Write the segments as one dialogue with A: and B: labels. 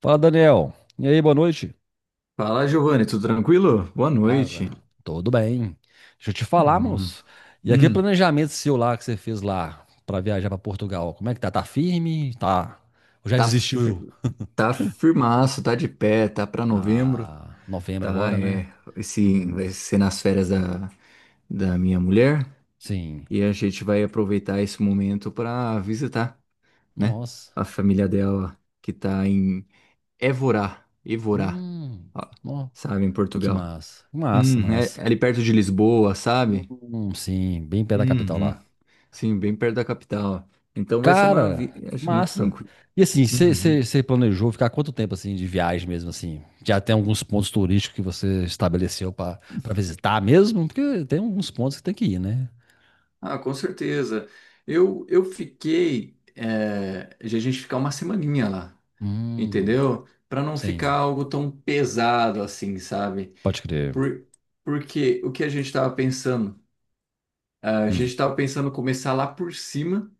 A: Fala, Daniel. E aí, boa noite?
B: Fala, Giovanni, tudo tranquilo? Boa noite.
A: Cara, tudo bem. Deixa eu te falar,
B: Bom.
A: moço. E aquele
B: Hum,
A: planejamento seu lá que você fez lá pra viajar pra Portugal, como é que tá? Tá firme? Tá. Ou já
B: tá,
A: desistiu?
B: fir- tá firmaço, tá de pé, tá pra novembro,
A: Ah, novembro
B: tá?
A: agora, né?
B: É, esse vai ser nas férias da minha mulher
A: Sim.
B: e a gente vai aproveitar esse momento pra visitar, né?
A: Nossa.
B: A família dela que tá em Évora, Évora,
A: Hum.
B: ó,
A: Ó,
B: sabe, em
A: que
B: Portugal.
A: massa. Massa,
B: É
A: massa.
B: é ali perto de Lisboa, sabe?
A: Sim, bem perto da capital
B: Uhum.
A: lá.
B: Sim, bem perto da capital. Então vai ser uma
A: Cara,
B: viagem muito
A: massa.
B: tranquila.
A: E assim,
B: Uhum.
A: você planejou ficar quanto tempo assim de viagem mesmo assim? Já tem alguns pontos turísticos que você estabeleceu para visitar mesmo? Porque tem alguns pontos que tem que ir, né?
B: Ah, com certeza. Eu fiquei de a gente ficar uma semaninha lá,
A: Hum,
B: entendeu? Para não ficar
A: sim,
B: algo tão pesado assim, sabe?
A: pode crer.
B: Por, porque o que a gente estava pensando? Ah, a gente
A: Hum,
B: estava pensando começar lá por cima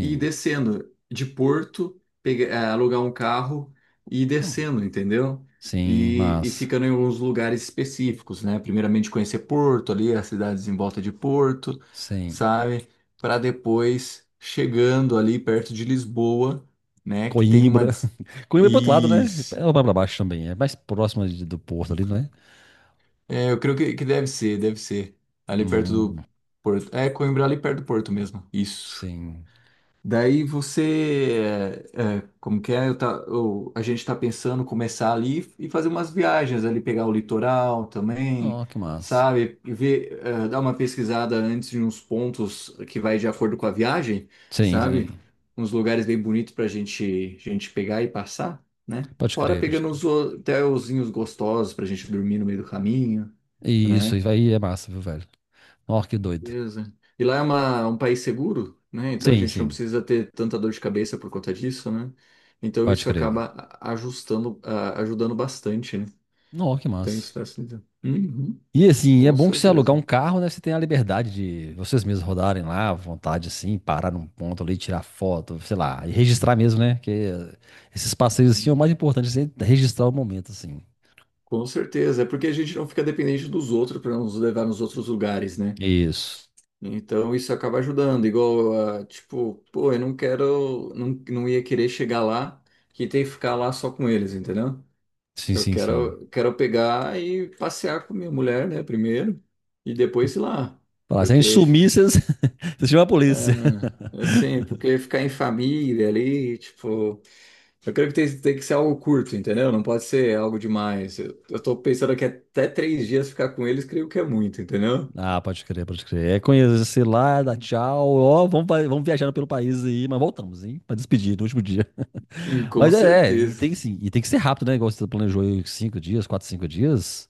B: e descendo de Porto, alugar um carro e ir
A: Hum,
B: descendo, entendeu?
A: sim,
B: E
A: massa.
B: ficando em alguns lugares específicos, né? Primeiramente conhecer Porto, ali as cidades em volta de Porto,
A: Sim.
B: sabe? Para depois chegando ali perto de Lisboa, né? Que tem uma.
A: Coimbra. Coimbra é pro outro lado, né?
B: Isso.
A: É lá pra baixo também. É mais próximo do porto ali, não é?
B: É, eu creio que deve ser, deve ser. Ali perto
A: Hum,
B: do Porto. É, Coimbra, ali perto do Porto mesmo. Isso.
A: sim.
B: Daí você, como que é? A gente está pensando começar ali e fazer umas viagens ali, pegar o litoral também,
A: Ó, que massa.
B: sabe? E dar uma pesquisada antes de uns pontos que vai de acordo com a viagem,
A: Sim,
B: sabe?
A: sim.
B: Uns lugares bem bonitos para a gente pegar e passar, né?
A: Pode
B: Fora
A: crer, pode
B: pegando
A: crer.
B: uns hotelzinhos gostosos para a gente dormir no meio do caminho,
A: E isso aí
B: né?
A: é massa, viu, velho? Nossa, que doido.
B: Beleza. E lá é um país seguro, né? Então a
A: Sim,
B: gente não
A: sim.
B: precisa ter tanta dor de cabeça por conta disso, né? Então
A: Pode
B: isso acaba
A: crer.
B: ajustando, ajudando bastante, né?
A: Não, que
B: Então
A: massa.
B: isso faz sentido. Uhum,
A: E assim, é
B: com
A: bom que você alugar
B: certeza.
A: um carro, né? Você tem a liberdade de vocês mesmos rodarem lá, à vontade, assim, parar num ponto ali, tirar foto, sei lá, e registrar mesmo, né? Que esses passeios, assim, é o mais importante, você registrar o momento, assim.
B: Com certeza. É porque a gente não fica dependente dos outros para nos levar nos outros lugares, né?
A: Isso.
B: Então isso acaba ajudando. Igual, ah, tipo, pô, eu não quero, não, não ia querer chegar lá que ter que ficar lá só com eles, entendeu?
A: Sim,
B: Eu
A: sim, sim.
B: quero, quero pegar e passear com minha mulher, né, primeiro, e depois ir lá,
A: Falar, se a gente
B: porque,
A: sumir, vocês, vocês chamam a polícia.
B: é, é assim, porque ficar em família ali, tipo, eu creio que tem que ser algo curto, entendeu? Não pode ser algo demais. Eu tô pensando que até 3 dias ficar com eles, creio que é muito, entendeu?
A: Ah, pode crer, pode crer. É conhecer lá, dá tchau, ó, vamos, vamos viajando pelo país aí, mas voltamos, hein? Pra despedir no último dia.
B: Com
A: Mas é, e
B: certeza.
A: tem, sim, e tem que ser rápido, né? Igual você planejou aí cinco dias, quatro, cinco dias.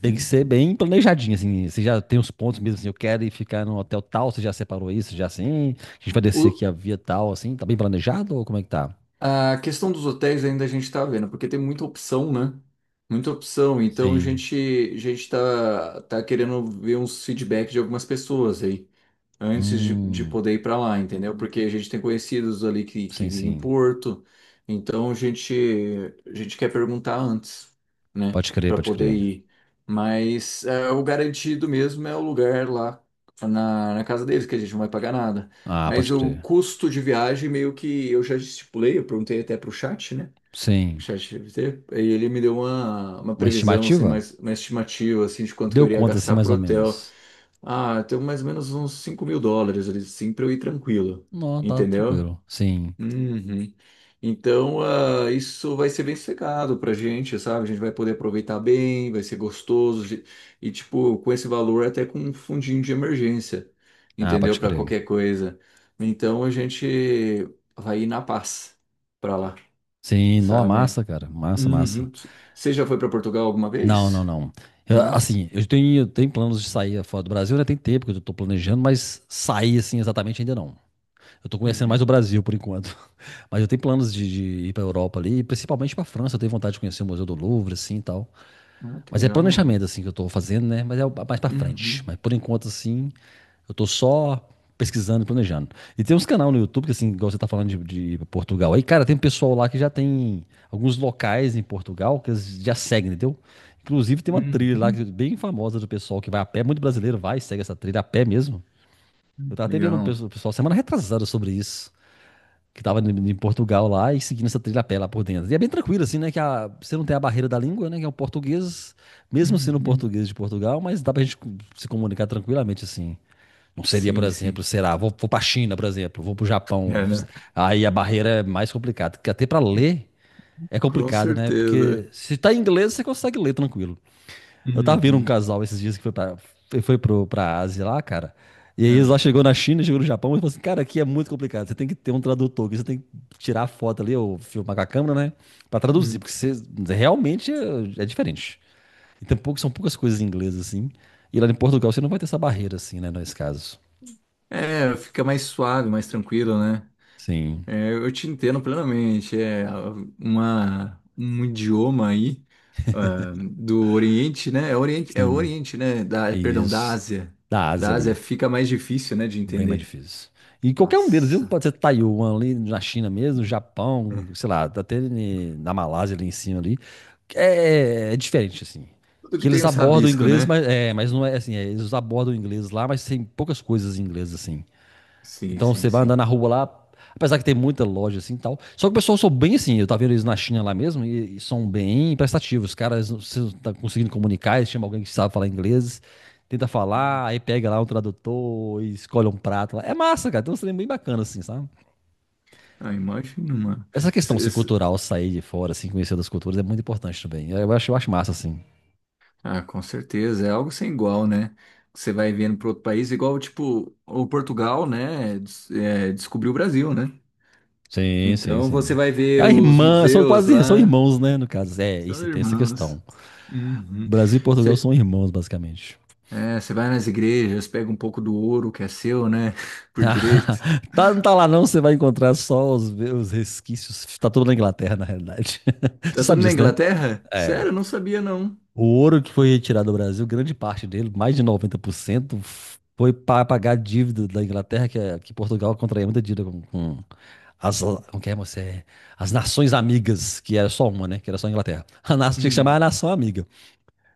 A: Tem que ser bem planejadinho, assim. Você já tem os pontos mesmo, assim, eu quero ir ficar no hotel tal, você já separou isso, já assim. A gente vai descer aqui
B: O-
A: a via tal, assim. Tá bem planejado ou como é que tá?
B: A questão dos hotéis ainda a gente está vendo, porque tem muita opção, né? Muita opção. Então a
A: Sim.
B: gente, a gente tá querendo ver uns feedback de algumas pessoas aí antes de
A: Hum,
B: poder ir para lá, entendeu? Porque a gente tem conhecidos ali que
A: sim,
B: vivem em
A: sim.
B: Porto, então a gente quer perguntar antes, né,
A: Pode crer,
B: para
A: pode
B: poder
A: crer.
B: ir. Mas é, o garantido mesmo é o lugar lá na casa deles, que a gente não vai pagar nada.
A: Ah,
B: Mas
A: pode
B: o
A: crer.
B: custo de viagem, meio que eu já estipulei, eu perguntei até para o chat, né? O
A: Sim.
B: chat GPT, e ele me deu uma
A: Uma
B: previsão, assim,
A: estimativa?
B: mais, uma estimativa, assim, de quanto que eu
A: Deu
B: iria
A: conta, assim,
B: gastar
A: mais
B: pro
A: ou
B: hotel.
A: menos.
B: Ah, tem mais ou menos uns US$ 5.000 ali, sim, pra eu ir tranquilo,
A: Não, tá
B: entendeu?
A: tranquilo. Sim.
B: Uhum. Então, ah, isso vai ser bem sossegado pra gente, sabe? A gente vai poder aproveitar bem, vai ser gostoso. E, tipo, com esse valor, até com um fundinho de emergência,
A: Ah,
B: entendeu?
A: pode
B: Pra
A: crer.
B: qualquer coisa. Então, a gente vai ir na paz pra lá,
A: Sim, não,
B: sabe?
A: massa, cara. Massa, massa.
B: Uhum. Você já foi pra Portugal alguma
A: Não, não,
B: vez?
A: não. Eu,
B: Não?
A: assim, eu tenho planos de sair fora do Brasil, né? Tem tempo que eu tô planejando, mas sair assim exatamente ainda não. Eu tô conhecendo mais o
B: Uhum.
A: Brasil por enquanto. Mas eu tenho planos de ir pra Europa ali, principalmente pra França. Eu tenho vontade de conhecer o Museu do Louvre, assim e tal.
B: Ah, que
A: Mas é
B: legal.
A: planejamento, assim, que eu tô fazendo, né? Mas é mais pra frente.
B: Uhum.
A: Mas por enquanto, assim, eu tô só pesquisando e planejando. E tem uns canal no YouTube, que assim, igual você tá falando de Portugal. Aí, cara, tem um pessoal lá que já tem alguns locais em Portugal que eles já seguem, entendeu? Inclusive tem uma trilha lá é
B: Uhum.
A: bem famosa do pessoal que vai a pé, muito brasileiro vai e segue essa trilha a pé mesmo. Eu tava até vendo um
B: Legal.
A: pessoal semana retrasada sobre isso, que tava em Portugal lá e seguindo essa trilha a pé lá por dentro. E é bem tranquilo assim, né, que você não tem a barreira da língua, né, que é o português, mesmo sendo um
B: Uhum.
A: português de Portugal, mas dá pra gente se comunicar tranquilamente assim. Não seria, por
B: Sim, sim.
A: exemplo, será, vou para a China, por exemplo, vou para o Japão.
B: É, né?
A: Aí a barreira é mais complicada, porque até para ler é
B: Com
A: complicado, né? Porque
B: certeza.
A: se tá em inglês, você consegue ler tranquilo. Eu tava vendo um
B: Uhum.
A: casal esses dias que foi pra, foi pro, pra Ásia lá, cara. E aí eles lá
B: Ah.
A: chegou na China, chegou no Japão e falou assim, cara, aqui é muito complicado. Você tem que ter um tradutor, que você tem que tirar a foto ali, ou filmar com a câmera, né? Pra traduzir,
B: Uhum.
A: porque você realmente é diferente. E tem pouco, são poucas coisas em inglês, assim. E lá em Portugal você não vai ter essa barreira, assim, né, nesse caso.
B: É, fica mais suave, mais tranquilo, né?
A: Sim,
B: É, eu te entendo plenamente. É um idioma aí do Oriente, né? É
A: sim.
B: Oriente, né? Da, é, perdão, da
A: Isso.
B: Ásia.
A: Da Ásia
B: Da Ásia
A: ali.
B: fica mais difícil, né, de
A: Bem mais
B: entender.
A: difícil. E qualquer um deles, viu?
B: Nossa.
A: Pode ser Taiwan ali na China mesmo, Japão,
B: É.
A: sei lá, até na Malásia ali em cima ali. É, diferente, assim.
B: Tudo que
A: Que
B: tem
A: eles
B: os
A: abordam o
B: rabisco,
A: inglês,
B: né?
A: mas, é, mas não é assim. É, eles abordam o inglês lá, mas tem poucas coisas em inglês, assim.
B: Sim,
A: Então
B: sim,
A: você vai andar
B: sim.
A: na rua lá, apesar que tem muita loja assim e tal. Só que o pessoal são bem assim, eu tava vendo eles na China lá mesmo, e são bem prestativos. Os caras estão conseguindo comunicar, eles chamam alguém que sabe falar inglês, tenta
B: Uhum.
A: falar, aí pega lá um tradutor e escolhe um prato lá. É massa, cara, tem um trem bem bacana assim, sabe?
B: Ah, imagina, mano.
A: Essa questão assim, cultural, sair de fora, assim, conhecer das culturas é muito importante também. Eu acho massa, assim.
B: Ah, com certeza, é algo sem igual, né? Você vai vendo para outro país, igual, tipo, o Portugal, né? Descobriu o Brasil, né?
A: Sim, sim,
B: Então
A: sim.
B: você vai
A: É
B: ver
A: a
B: os
A: irmã, são
B: museus
A: quase, são
B: lá,
A: irmãos, né, no caso. É, e
B: são
A: você tem essa
B: irmãos.
A: questão.
B: Uhum.
A: Brasil e Portugal
B: Você,
A: são irmãos, basicamente.
B: você vai nas igrejas, pega um pouco do ouro que é seu, né? Por direito.
A: Tá, não tá lá não, você vai encontrar só os resquícios. Tá tudo na Inglaterra, na realidade. Você
B: Tá tudo
A: sabe
B: na
A: disso, né?
B: Inglaterra?
A: É.
B: Sério, eu não sabia, não.
A: O ouro que foi retirado do Brasil, grande parte dele, mais de 90% foi para pagar a dívida da Inglaterra, que, que Portugal contraía muita dívida com as, como que é, moça? É, as nações amigas, que era só uma, né? Que era só a Inglaterra. A nação tinha que
B: Hum.
A: chamar a nação amiga.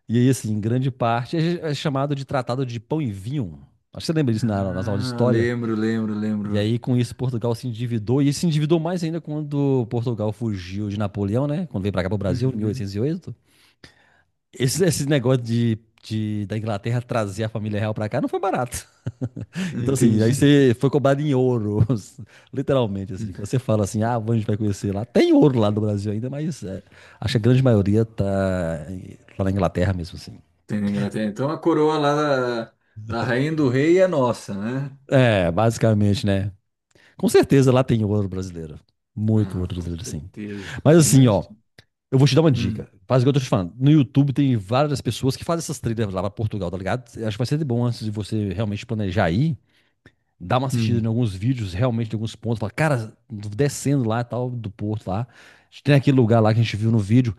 A: E aí, assim, grande parte é chamado de Tratado de Pão e Vinho. Acho que você lembra disso nas aulas de
B: Ah,
A: história.
B: lembro, lembro,
A: E
B: lembro.
A: aí, com isso, Portugal se endividou, e se endividou mais ainda quando Portugal fugiu de Napoleão, né? Quando veio pra cá pro Brasil, em
B: Uhum.
A: 1808. Esse negócio da Inglaterra trazer a família real pra cá não foi barato. Então, assim, aí
B: Entendi.
A: você foi cobrado em ouro, literalmente, assim. Quando você fala assim, ah, a vai conhecer lá. Tem ouro lá no Brasil ainda, mas é, acho que a grande maioria tá na Inglaterra mesmo, assim.
B: Tem na Inglaterra. Então a coroa lá da, da rainha do rei é nossa, né?
A: É, basicamente, né? Com certeza lá tem ouro brasileiro. Muito ouro
B: Ah, com
A: brasileiro, sim.
B: certeza.
A: Mas assim, ó,
B: Imagina.
A: eu vou te dar uma
B: Hum,
A: dica. Faz igual eu tô te falando. No YouTube tem várias pessoas que fazem essas trilhas lá pra Portugal, tá ligado? Eu acho que vai ser bom antes de você realmente planejar ir. Dar uma assistida em
B: hum,
A: alguns vídeos, realmente, em alguns pontos. Fala, cara, descendo lá e tal, do porto lá. Tem aquele lugar lá que a gente viu no vídeo.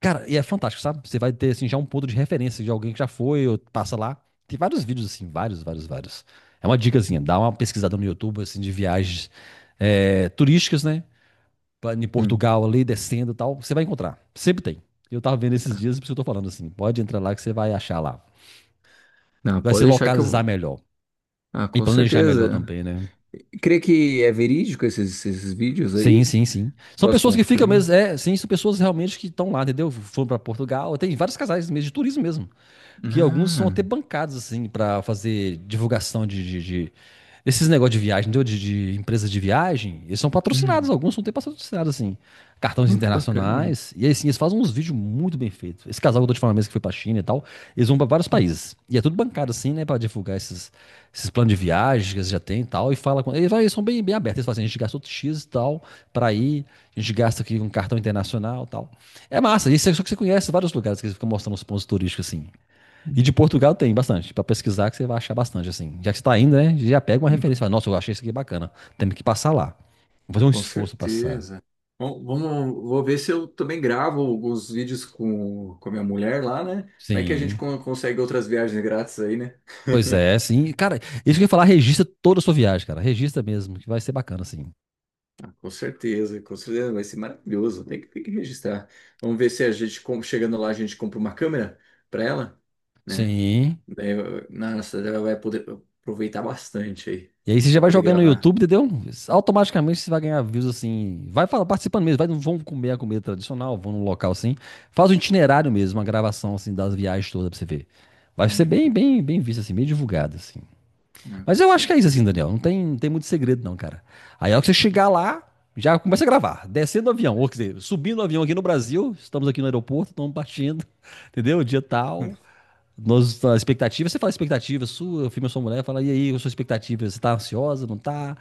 A: Cara, e é fantástico, sabe? Você vai ter, assim, já um ponto de referência de alguém que já foi ou passa lá. Tem vários vídeos, assim, vários, vários, vários. É uma dicazinha. Dá uma pesquisada no YouTube, assim, de viagens é, turísticas, né? Em
B: sim.
A: Portugal ali, descendo e tal, você vai encontrar. Sempre tem. Eu tava vendo esses
B: Ah,
A: dias, por isso que eu tô falando assim. Pode entrar lá que você vai achar lá.
B: não,
A: Vai
B: pode
A: se
B: deixar que eu
A: localizar
B: vou.
A: melhor.
B: Ah,
A: E
B: com
A: planejar melhor
B: certeza.
A: também, né?
B: Crê que é verídico esses vídeos
A: Sim,
B: aí?
A: sim, sim. São
B: Posso
A: pessoas que ficam
B: confirmar?
A: mesmo. É, sim, são pessoas realmente que estão lá, entendeu? Foram pra Portugal. Tem vários casais mesmo, de turismo mesmo. Que alguns são
B: Ah,
A: até bancados, assim, para fazer divulgação. Esses negócios de viagem, entendeu? De empresas de viagem, eles são patrocinados,
B: hum.
A: alguns são até patrocinados, assim. Cartões
B: Não, que bacana.
A: internacionais. E aí, assim, eles fazem uns vídeos muito bem feitos. Esse casal que eu tô te falando mesmo que foi pra China e tal, eles vão pra vários
B: Hum,
A: países. E é tudo bancado, assim, né? Pra divulgar esses planos de viagem que eles já têm e tal. E fala com. Eles são bem, bem abertos. Eles falam assim, a gente gastou X e tal pra ir, a gente gasta aqui um cartão internacional e tal. É massa, isso é só que você conhece vários lugares que eles ficam mostrando os pontos turísticos assim. E de
B: hum,
A: Portugal tem bastante, para pesquisar que você vai achar bastante, assim. Já que você tá indo, né, já pega uma
B: hum.
A: referência, fala, nossa, eu achei isso aqui bacana, temos que passar lá. Vou fazer um
B: Com
A: esforço pra passar.
B: certeza. Bom, vamos, vou ver se eu também gravo alguns vídeos com a minha mulher lá, né? Vai que a gente
A: Sim,
B: consegue outras viagens grátis aí, né?
A: pois é, sim. Cara, isso que eu ia falar, registra toda a sua viagem, cara, registra mesmo, que vai ser bacana, assim.
B: Com certeza, vai ser maravilhoso. Tem que registrar. Vamos ver se a gente, chegando lá, a gente compra uma câmera para ela, né?
A: Sim.
B: Daí, nossa, daí ela vai poder aproveitar bastante aí
A: E aí você já
B: para
A: vai
B: poder
A: jogando no
B: gravar.
A: YouTube, entendeu? Automaticamente você vai ganhar views, assim, vai fala, participando mesmo, vai, vão comer a comida tradicional, vão num local, assim, faz um itinerário mesmo, uma gravação, assim, das viagens todas pra você ver. Vai ser bem,
B: Hum,
A: bem, bem visto, assim, bem divulgado, assim.
B: ah,
A: Mas
B: com
A: eu acho que é isso assim,
B: certeza.
A: Daniel. Não tem muito segredo, não, cara. Aí, a hora que você chegar lá, já começa a gravar. Descendo do avião, ou quer dizer, subindo do avião aqui no Brasil, estamos aqui no aeroporto, estamos partindo, entendeu? Dia tal. Nós, tá, a expectativa, você fala a expectativa sua, eu filho, sua mulher, fala, e aí, a sua expectativa? Você tá ansiosa, não tá?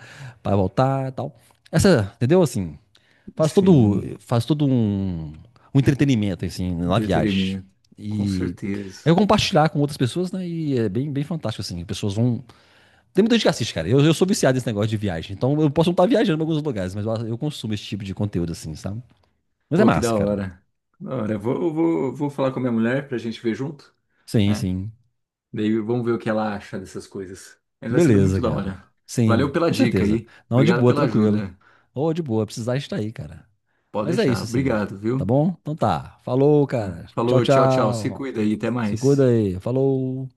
A: Vai voltar e tal. Essa, entendeu? Assim, faz todo,
B: Sim,
A: faz todo um entretenimento, assim, na viagem.
B: entretenimento. Com
A: E é
B: certeza.
A: compartilhar com outras pessoas, né? E é bem, bem fantástico, assim. As pessoas vão, tem muita gente que assiste, cara. Eu sou viciado nesse negócio de viagem. Então eu posso não estar viajando em alguns lugares, mas eu consumo esse tipo de conteúdo, assim, sabe? Mas é
B: Pô, que da
A: massa, cara.
B: hora. Da hora. Eu vou falar com a minha mulher pra gente ver junto,
A: Sim,
B: né?
A: sim.
B: Daí vamos ver o que ela acha dessas coisas. Mas vai ser muito
A: Beleza,
B: da
A: cara.
B: hora. Valeu
A: Sim,
B: pela
A: com
B: dica
A: certeza.
B: aí.
A: Não, de
B: Obrigado
A: boa,
B: pela
A: tranquilo.
B: ajuda.
A: Ô, de boa, precisar estar aí, cara.
B: Pode
A: Mas é
B: deixar.
A: isso, assim.
B: Obrigado,
A: Tá
B: viu?
A: bom? Então tá. Falou,
B: Tá.
A: cara. Tchau,
B: Falou, tchau, tchau. Se
A: tchau.
B: cuida aí, até
A: Se
B: mais.
A: cuida aí. Falou.